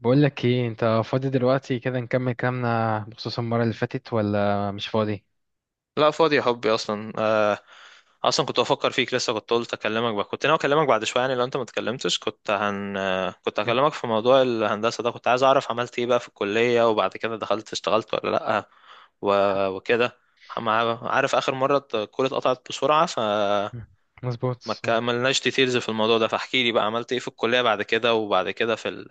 بقول لك ايه انت فاضي دلوقتي كده؟ نكمل كلامنا بخصوص المرة اللي فاتت ولا مش فاضي؟ لا فاضي يا حبي اصلا اصلا كنت بفكر فيك لسه، كنت قلت اكلمك بقى. كنت ناوي اكلمك بعد شويه يعني. لو انت ما اتكلمتش كنت هن آه، كنت م- هكلمك في موضوع الهندسه ده. كنت عايز اعرف عملت ايه بقى في الكليه، وبعد كده دخلت اشتغلت ولا لا؟ و... وكده. عارف اخر مره الكوره اتقطعت بسرعه، فما م- مظبوط مظبوط. كملناش ديتيلز في الموضوع ده، فاحكي لي بقى عملت ايه في الكليه بعد كده، وبعد كده في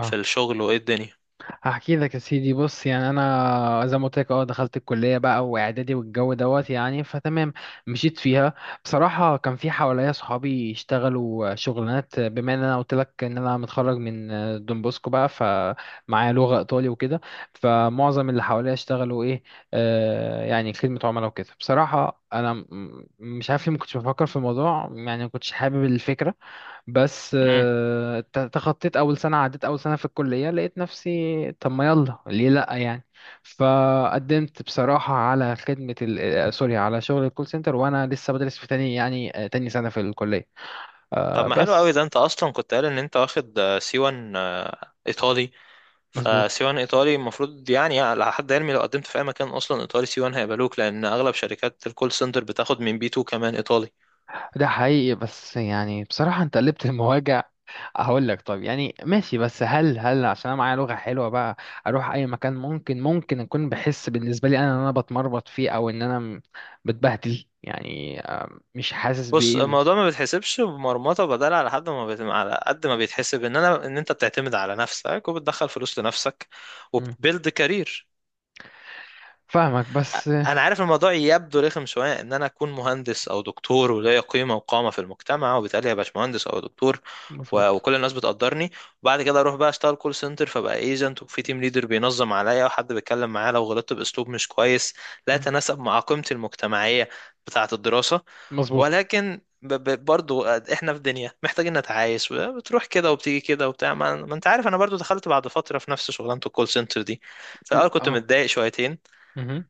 في الشغل، وايه الدنيا. هحكي لك يا سيدي. بص يعني انا زي ما قلت لك اه دخلت الكليه بقى واعدادي والجو دوت يعني فتمام، مشيت فيها. بصراحه كان في حواليا صحابي يشتغلوا شغلانات، بما ان انا قلت لك ان انا متخرج من دون بوسكو بقى فمعايا لغه ايطالي وكده. فمعظم اللي حواليا اشتغلوا ايه، آه يعني خدمه عملاء وكده. بصراحه انا مش عارف ليه ما كنتش بفكر في الموضوع، يعني ما كنتش حابب الفكره. بس مم. تخطيت اول سنه، عديت اول سنه في الكليه، لقيت نفسي طب ما يلا ليه لا يعني. فقدمت بصراحه على خدمه ال... آه، سوري، على شغل الكول سنتر وانا لسه بدرس في تاني يعني، تاني سنه في الكليه، طب ما حلو قوي بس. ده. انت اصلا كنت قال ان انت واخد سي 1 ايطالي، فسي مظبوط. 1 ايطالي المفروض يعني على حد علمي لو قدمت في اي مكان اصلا ايطالي سي 1 هيقبلوك، لان اغلب شركات الكول سنتر بتاخد من بي 2 كمان ايطالي. ده حقيقي، بس يعني بصراحه انت قلبت المواجع. هقول لك، طب يعني ماشي، بس هل عشان انا معايا لغة حلوة بقى اروح اي مكان، ممكن اكون بحس بالنسبة لي انا ان انا بتمربط فيه، او ان انا بتبهدل يعني، مش حاسس بص، بايه الموضوع ما بيتحسبش بمرمطه بدل على حد ما بيت... على قد ما بيتحسب ان انا ان انت بتعتمد على نفسك وبتدخل فلوس لنفسك مم. وبتبيلد كارير. فاهمك بس. انا عارف الموضوع يبدو رخم شويه، ان انا اكون مهندس او دكتور وليا قيمه وقامه في المجتمع، وبالتالي ابقى مهندس او دكتور مظبوط. وكل الناس بتقدرني، وبعد كده اروح بقى اشتغل كول سنتر فبقى ايجنت، وفي تيم ليدر بينظم عليا، وحد بيتكلم معايا لو غلطت باسلوب مش كويس لا مم. يتناسب مع قيمتي المجتمعيه بتاعه الدراسه. مظبوط. ولكن برضو احنا في دنيا محتاجين نتعايش، بتروح كده وبتيجي كده وبتاع. ما انت عارف، انا برضو دخلت بعد فتره في نفس شغلانه الكول سنتر دي، في الاول كنت اه. متضايق شويتين، مهم.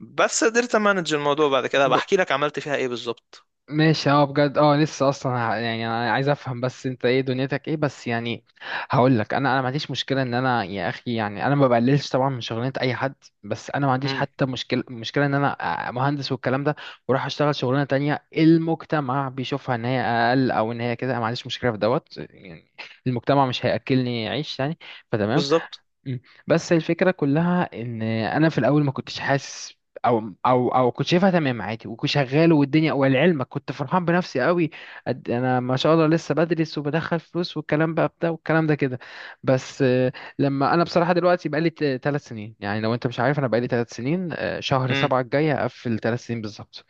بس قدرت امانج الموضوع بعد كده. بحكي لك عملت فيها ايه بالظبط. ماشي اه، بجد اه، لسه اصلا يعني انا عايز افهم بس انت ايه دنيتك ايه بس يعني. هقول لك، انا ما عنديش مشكله ان انا يا اخي، يعني انا ما بقللش طبعا من شغلانه اي حد. بس انا ما عنديش امم. حتى مشكله ان انا مهندس والكلام ده واروح اشتغل شغلانه تانية المجتمع بيشوفها ان هي اقل او ان هي كده. أنا ما عنديش مشكله في دوت يعني، المجتمع مش هياكلني عيش يعني، فتمام. بالظبط. مم. بس الفكرة كلها ان انا في الاول ما كنتش حاسس، او كنت شايفها تمام عادي، وكنت شغال والدنيا، ولعلمك كنت فرحان بنفسي قوي قد انا ما شاء الله لسه بدرس وبدخل فلوس والكلام بقى بتاع والكلام ده كده. بس لما انا بصراحة دلوقتي بقالي 3 سنين، يعني لو انت مش عارف انا بقالي 3 سنين، شهر امم. 7 الجاي هقفل 3 سنين بالظبط.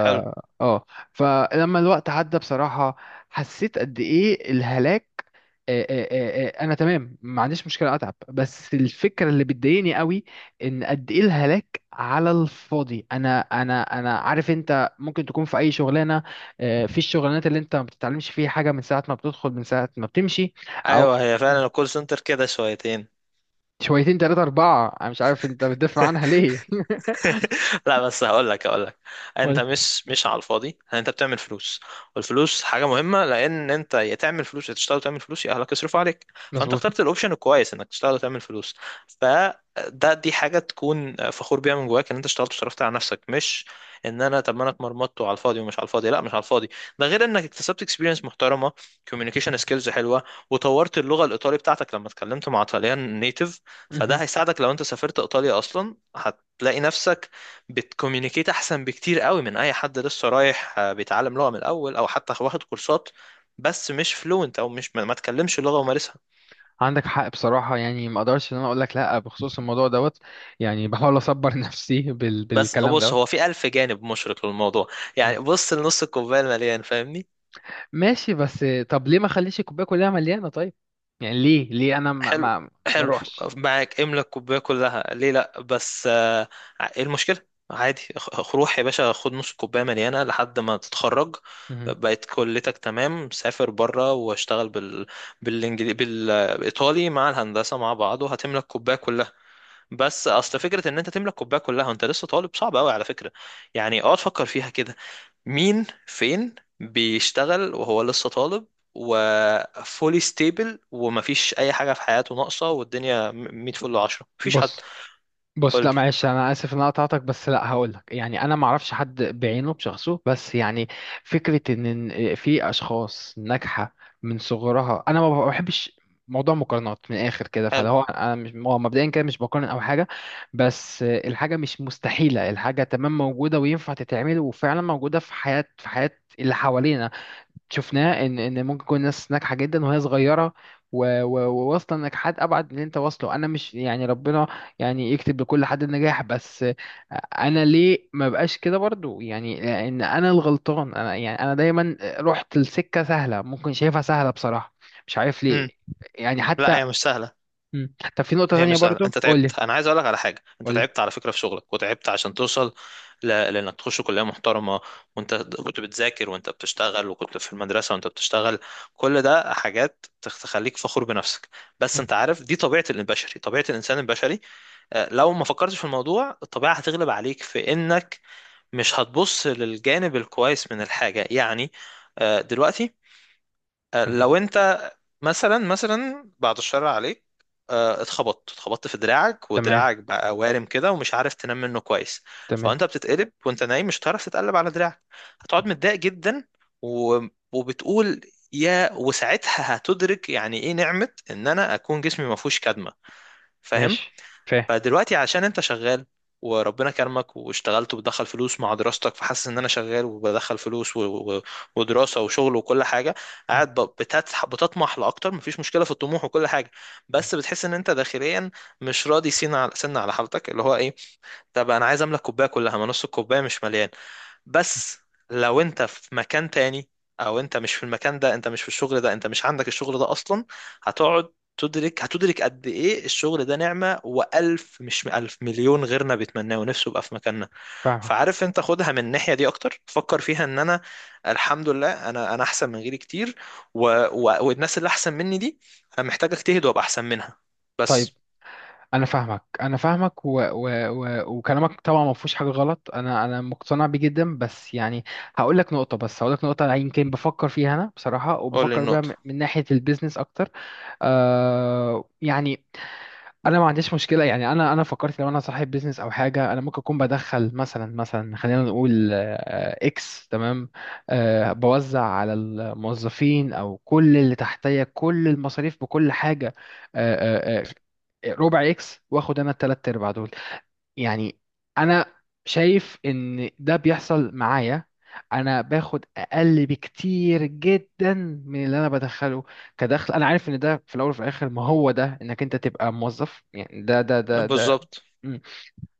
حلو. آه. فلما الوقت عدى بصراحة حسيت قد ايه الهلاك. انا تمام ما عنديش مشكلة اتعب، بس الفكرة اللي بتضايقني قوي ان قد ايه الهلاك على الفاضي. انا عارف انت ممكن تكون في اي شغلانة، في الشغلانات اللي انت ما بتتعلمش فيها حاجة من ساعة ما بتدخل من ساعة ما بتمشي. او ايوه، هي فعلا مم، الكول سنتر كده شويتين. شويتين تلاتة اربعة، انا مش عارف انت بتدافع عنها ليه. لا بس هقول لك، هقول لك، انت ولا. مش على الفاضي يعني، انت بتعمل فلوس، والفلوس حاجه مهمه، لان انت يا تعمل فلوس، يا تشتغل وتعمل فلوس، يا اهلك يصرفوا عليك. فانت مظبوط. اخترت الاوبشن الكويس، انك تشتغل وتعمل فلوس. فده، دي حاجه تكون فخور بيها من جواك، ان انت اشتغلت وصرفت على نفسك، مش ان انا طب ما انا اتمرمطت وعلى الفاضي ومش على الفاضي. لا، مش على الفاضي. ده غير انك اكتسبت اكسبيرينس محترمه، كوميونيكيشن سكيلز حلوه، وطورت اللغه الايطالي بتاعتك لما اتكلمت مع طليان نيتيف. فده هيساعدك لو انت سافرت ايطاليا اصلا، تلاقي نفسك بتكوميونيكيت احسن بكتير قوي من اي حد لسه رايح بيتعلم لغة من الاول، او حتى واخد كورسات بس مش فلوينت، او مش ما تكلمش اللغة ومارسها. عندك حق بصراحة، يعني ما اقدرش ان انا اقول لك لا بخصوص الموضوع دوت، يعني بحاول اصبر نفسي بس بالكلام بص، دوت. هو في الف جانب مشرق للموضوع. يعني مم. بص لنص الكوباية المليان، فاهمني. ماشي، بس طب ليه ما اخليش الكوباية كلها مليانة طيب؟ يعني ليه ليه انا ما حلو، ما ما حلو. اروحش. معاك، املى الكوبايه كلها، ليه لا؟ بس ايه المشكله؟ عادي، روح يا باشا، خد نص كوبايه مليانه لحد ما تتخرج، مهم. بقت كليتك تمام، سافر بره واشتغل بالايطالي مع الهندسه مع بعض، وهتملك كوبايه كلها. بس اصل فكره ان انت تملك كوبايه كلها وانت لسه طالب، صعب قوي على فكره. يعني اقعد فكر فيها كده، مين فين بيشتغل وهو لسه طالب وفولي ستيبل ومفيش اي حاجه في حياته ناقصه والدنيا 100 فل 10؟ مفيش حد. بص. قول بص لي. لا معلش انا اسف ان انا قطعتك، بس لا هقول لك يعني انا ما اعرفش حد بعينه بشخصه بس يعني، فكره ان في اشخاص ناجحه من صغرها. انا ما بحبش موضوع مقارنات من الاخر كده، فلو حلو. هو انا مش هو مبدئيا كده مش بقارن او حاجه، بس الحاجه مش مستحيله، الحاجه تمام موجوده وينفع تتعمل، وفعلا موجوده في حياه في حياه اللي حوالينا. شفناه ان ممكن تكون ناس ناجحه جدا وهي صغيره وواصله لنجاحات ابعد من اللي انت واصله. انا مش يعني ربنا يعني يكتب لكل حد النجاح، بس انا ليه ما بقاش كده برضو يعني ان انا الغلطان. انا يعني انا دايما رحت لسكه سهله، ممكن شايفها سهله بصراحه، مش عارف ليه امم. يعني لا، حتى. هي مش سهله، مم. طب في نقطه هي تانية مش سهله. برضو، انت قولي. تعبت، انا عايز اقول لك على حاجه، انت قولي. تعبت على فكره في شغلك، وتعبت عشان توصل لانك تخش كليه محترمه، وانت كنت بتذاكر وانت بتشتغل، وكنت في المدرسه وانت بتشتغل. كل ده حاجات تخليك فخور بنفسك. بس مم. انت عارف دي طبيعه البشري، طبيعه الانسان البشري، لو ما فكرتش في الموضوع الطبيعة هتغلب عليك في انك مش هتبص للجانب الكويس من الحاجة يعني. دلوقتي مهم. لو انت مثلا، مثلا بعد الشر عليك اتخبطت، اتخبطت في دراعك تمام. ودراعك بقى وارم كده ومش عارف تنام منه كويس، تمام. فانت بتتقلب وانت نايم مش هتعرف تتقلب على دراعك، هتقعد متضايق جدا و... وبتقول يا، وساعتها هتدرك يعني ايه نعمة ان انا اكون جسمي ما فيهوش كدمة. فاهم؟ ماشي، فاهم. فدلوقتي عشان انت شغال وربنا كرمك واشتغلت وبتدخل فلوس مع دراستك، فحاسس ان انا شغال وبدخل فلوس ودراسة وشغل وكل حاجة، مم. قاعد بتطمح لأكتر. مفيش مشكلة في الطموح وكل حاجة، بس بتحس ان انت داخليا مش راضي سين على سن على حالتك، اللي هو ايه، طب انا عايز املك كوباية كلها، ما نص الكوباية مش مليان. بس لو انت في مكان تاني، او انت مش في المكان ده، انت مش في الشغل ده، انت مش عندك الشغل ده اصلا، هتقعد تدرك، هتدرك قد ايه الشغل ده نعمة، والف، مش الف، مليون غيرنا بيتمناه ونفسه يبقى في مكاننا. فاهمك. فعارف، انت خدها من الناحية دي اكتر، فكر فيها ان انا الحمد لله، انا احسن من غيري كتير و... والناس اللي احسن مني دي انا محتاج اجتهد وابقى احسن منها طيب بس. انا فاهمك انا فاهمك و... و... و... وكلامك طبعا ما فيهوش حاجه غلط، انا انا مقتنع بيه جدا، بس يعني هقول لك نقطه، بس هقول لك نقطه يمكن بفكر فيها انا بصراحه، قول لي وبفكر بيها النقطة. من ناحيه البيزنس اكتر. آه يعني انا ما عنديش مشكله، يعني انا انا فكرت لو انا صاحب بيزنس او حاجه، انا ممكن اكون بدخل مثلا خلينا نقول اكس، تمام. أه، بوزع على الموظفين او كل اللي تحتيا كل المصاريف بكل حاجه. أه أه ربع اكس، واخد انا التلات ارباع دول. يعني انا شايف ان ده بيحصل معايا، انا باخد اقل بكتير جدا من اللي انا بدخله كدخل. انا عارف ان ده في الاول وفي الاخر ما هو ده انك انت تبقى موظف، يعني ده ده. بالظبط. مم.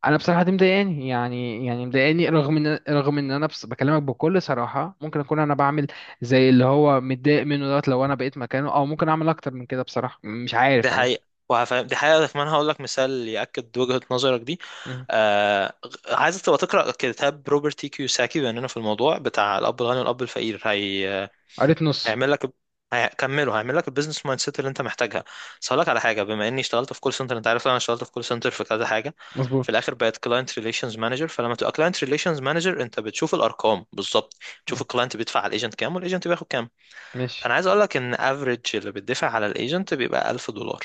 انا بصراحه دي مضايقاني، يعني يعني مضايقاني رغم ان انا بس بكلمك بكل صراحه، ممكن اكون انا بعمل زي اللي هو متضايق منه دوت لو انا بقيت مكانه، او ممكن اعمل اكتر من كده بصراحه مش دي عارف انا مش. حقيقة، وهفهم، دي حقيقة كمان. هقول لك مثال يأكد وجهة نظرك دي. مم. آه... عايزك تبقى تقرأ كتاب روبرت تي كيوساكي، بما إننا في الموضوع بتاع الأب الغني والأب الفقير. قريت نص. هيعمل لك، هيكمله، هيعمل لك البيزنس مايند سيت اللي انت محتاجها. بس هقول لك على حاجه، بما اني اشتغلت في كول سنتر، انت عارف انا اشتغلت في كول سنتر في كذا حاجه، في مظبوط. الاخر بقيت كلاينت ريليشنز مانجر. فلما تبقى كلاينت ريليشنز مانجر انت بتشوف الارقام بالظبط، تشوف مم. الكلاينت بيدفع على الايجنت كام، والايجنت بياخد كام. ماشي فانا عايز اقول لك ان افريج اللي بتدفع على الايجنت بيبقى 1000 دولار،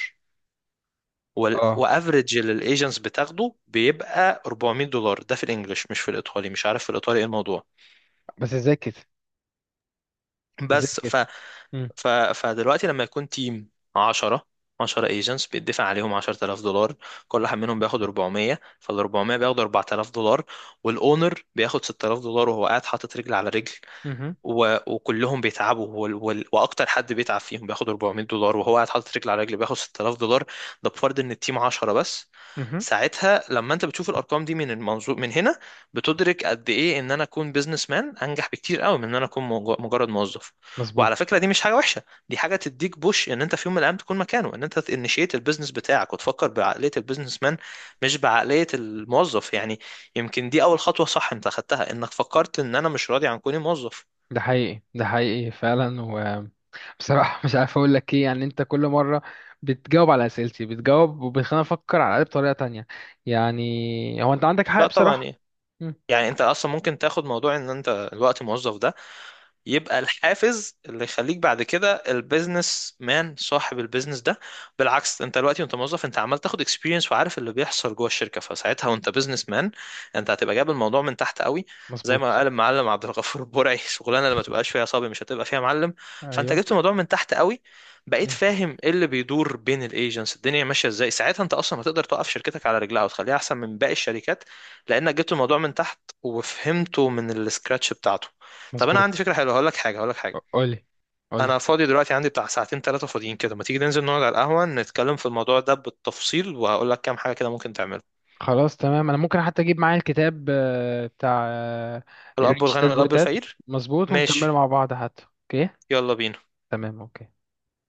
اه. وافريج اللي الايجنتس بتاخده بيبقى 400 دولار. ده في الانجليش، مش في الايطالي، مش عارف في الايطالي ايه الموضوع. بس ازاي كده. ازاي بس كده. مم. فدلوقتي لما يكون تيم 10 10 ايجنتس، بيدفع عليهم 10000 دولار، كل واحد منهم بياخد 400، فال 400 بياخد 4000 دولار، والاونر بياخد 6000 دولار وهو قاعد حاطط رجل على رجل مهم. وكلهم بيتعبوا واكتر حد بيتعب فيهم بياخد 400 دولار، وهو قاعد حاطط رجل على رجل بياخد 6000 دولار. ده بفرض ان التيم 10 بس. مهم. ساعتها لما انت بتشوف الارقام دي من المنظور من هنا، بتدرك قد ايه ان انا اكون بيزنس مان انجح بكتير قوي من ان انا اكون مجرد موظف. وعلى مظبوط. فكره دي مش حاجه وحشه، دي حاجه تديك بوش ان انت في يوم من الايام تكون مكانه، ان انت تنشيت البيزنس بتاعك وتفكر بعقليه البيزنس مان مش بعقليه الموظف يعني. يمكن دي اول خطوه صح انت خدتها، انك فكرت ان انا مش راضي عن كوني موظف. ده حقيقي ده حقيقي فعلا، وبصراحة مش عارف اقول لك ايه يعني، انت كل مرة بتجاوب على اسئلتي، بتجاوب وبتخليني افكر على الأقل بطريقة تانية. يعني هو انت عندك حق لا طبعا. بصراحة. ايه مم. يعني، انت اصلا ممكن تاخد موضوع ان انت الوقت موظف ده يبقى الحافز اللي يخليك بعد كده البيزنس مان صاحب البيزنس ده. بالعكس، انت دلوقتي وانت موظف انت عمال تاخد اكسبيرينس وعارف اللي بيحصل جوه الشركه، فساعتها وانت بيزنس مان انت هتبقى جايب الموضوع من تحت قوي. زي ما مظبوط. قال المعلم عبد الغفور البرعي، شغلانه اللي ما تبقاش فيها صبي مش هتبقى فيها معلم. فانت ايوه. جبت الموضوع من تحت قوي، بقيت مم. فاهم ايه اللي بيدور بين الايجنتس، الدنيا ماشيه ازاي، ساعتها انت اصلا هتقدر توقف شركتك على رجلها وتخليها احسن من باقي الشركات، لانك جبت الموضوع من تحت وفهمته من السكراتش بتاعته. طب انا عندي مظبوط. فكره حلوه، هقول لك حاجه، هقول لك حاجه، قولي. قولي. انا فاضي دلوقتي، عندي بتاع 2 3 فاضيين كده، ما تيجي ننزل نقعد على القهوه نتكلم في الموضوع ده بالتفصيل، وهقول لك كام حاجه كده ممكن تعمله. خلاص تمام. انا ممكن حتى اجيب معايا الكتاب بتاع الاب الريتش الغني داد بور والاب داد. الفقير. مظبوط، ونكمله ماشي. مع بعض حتى، اوكي؟ يلا بينا. تمام، اوكي.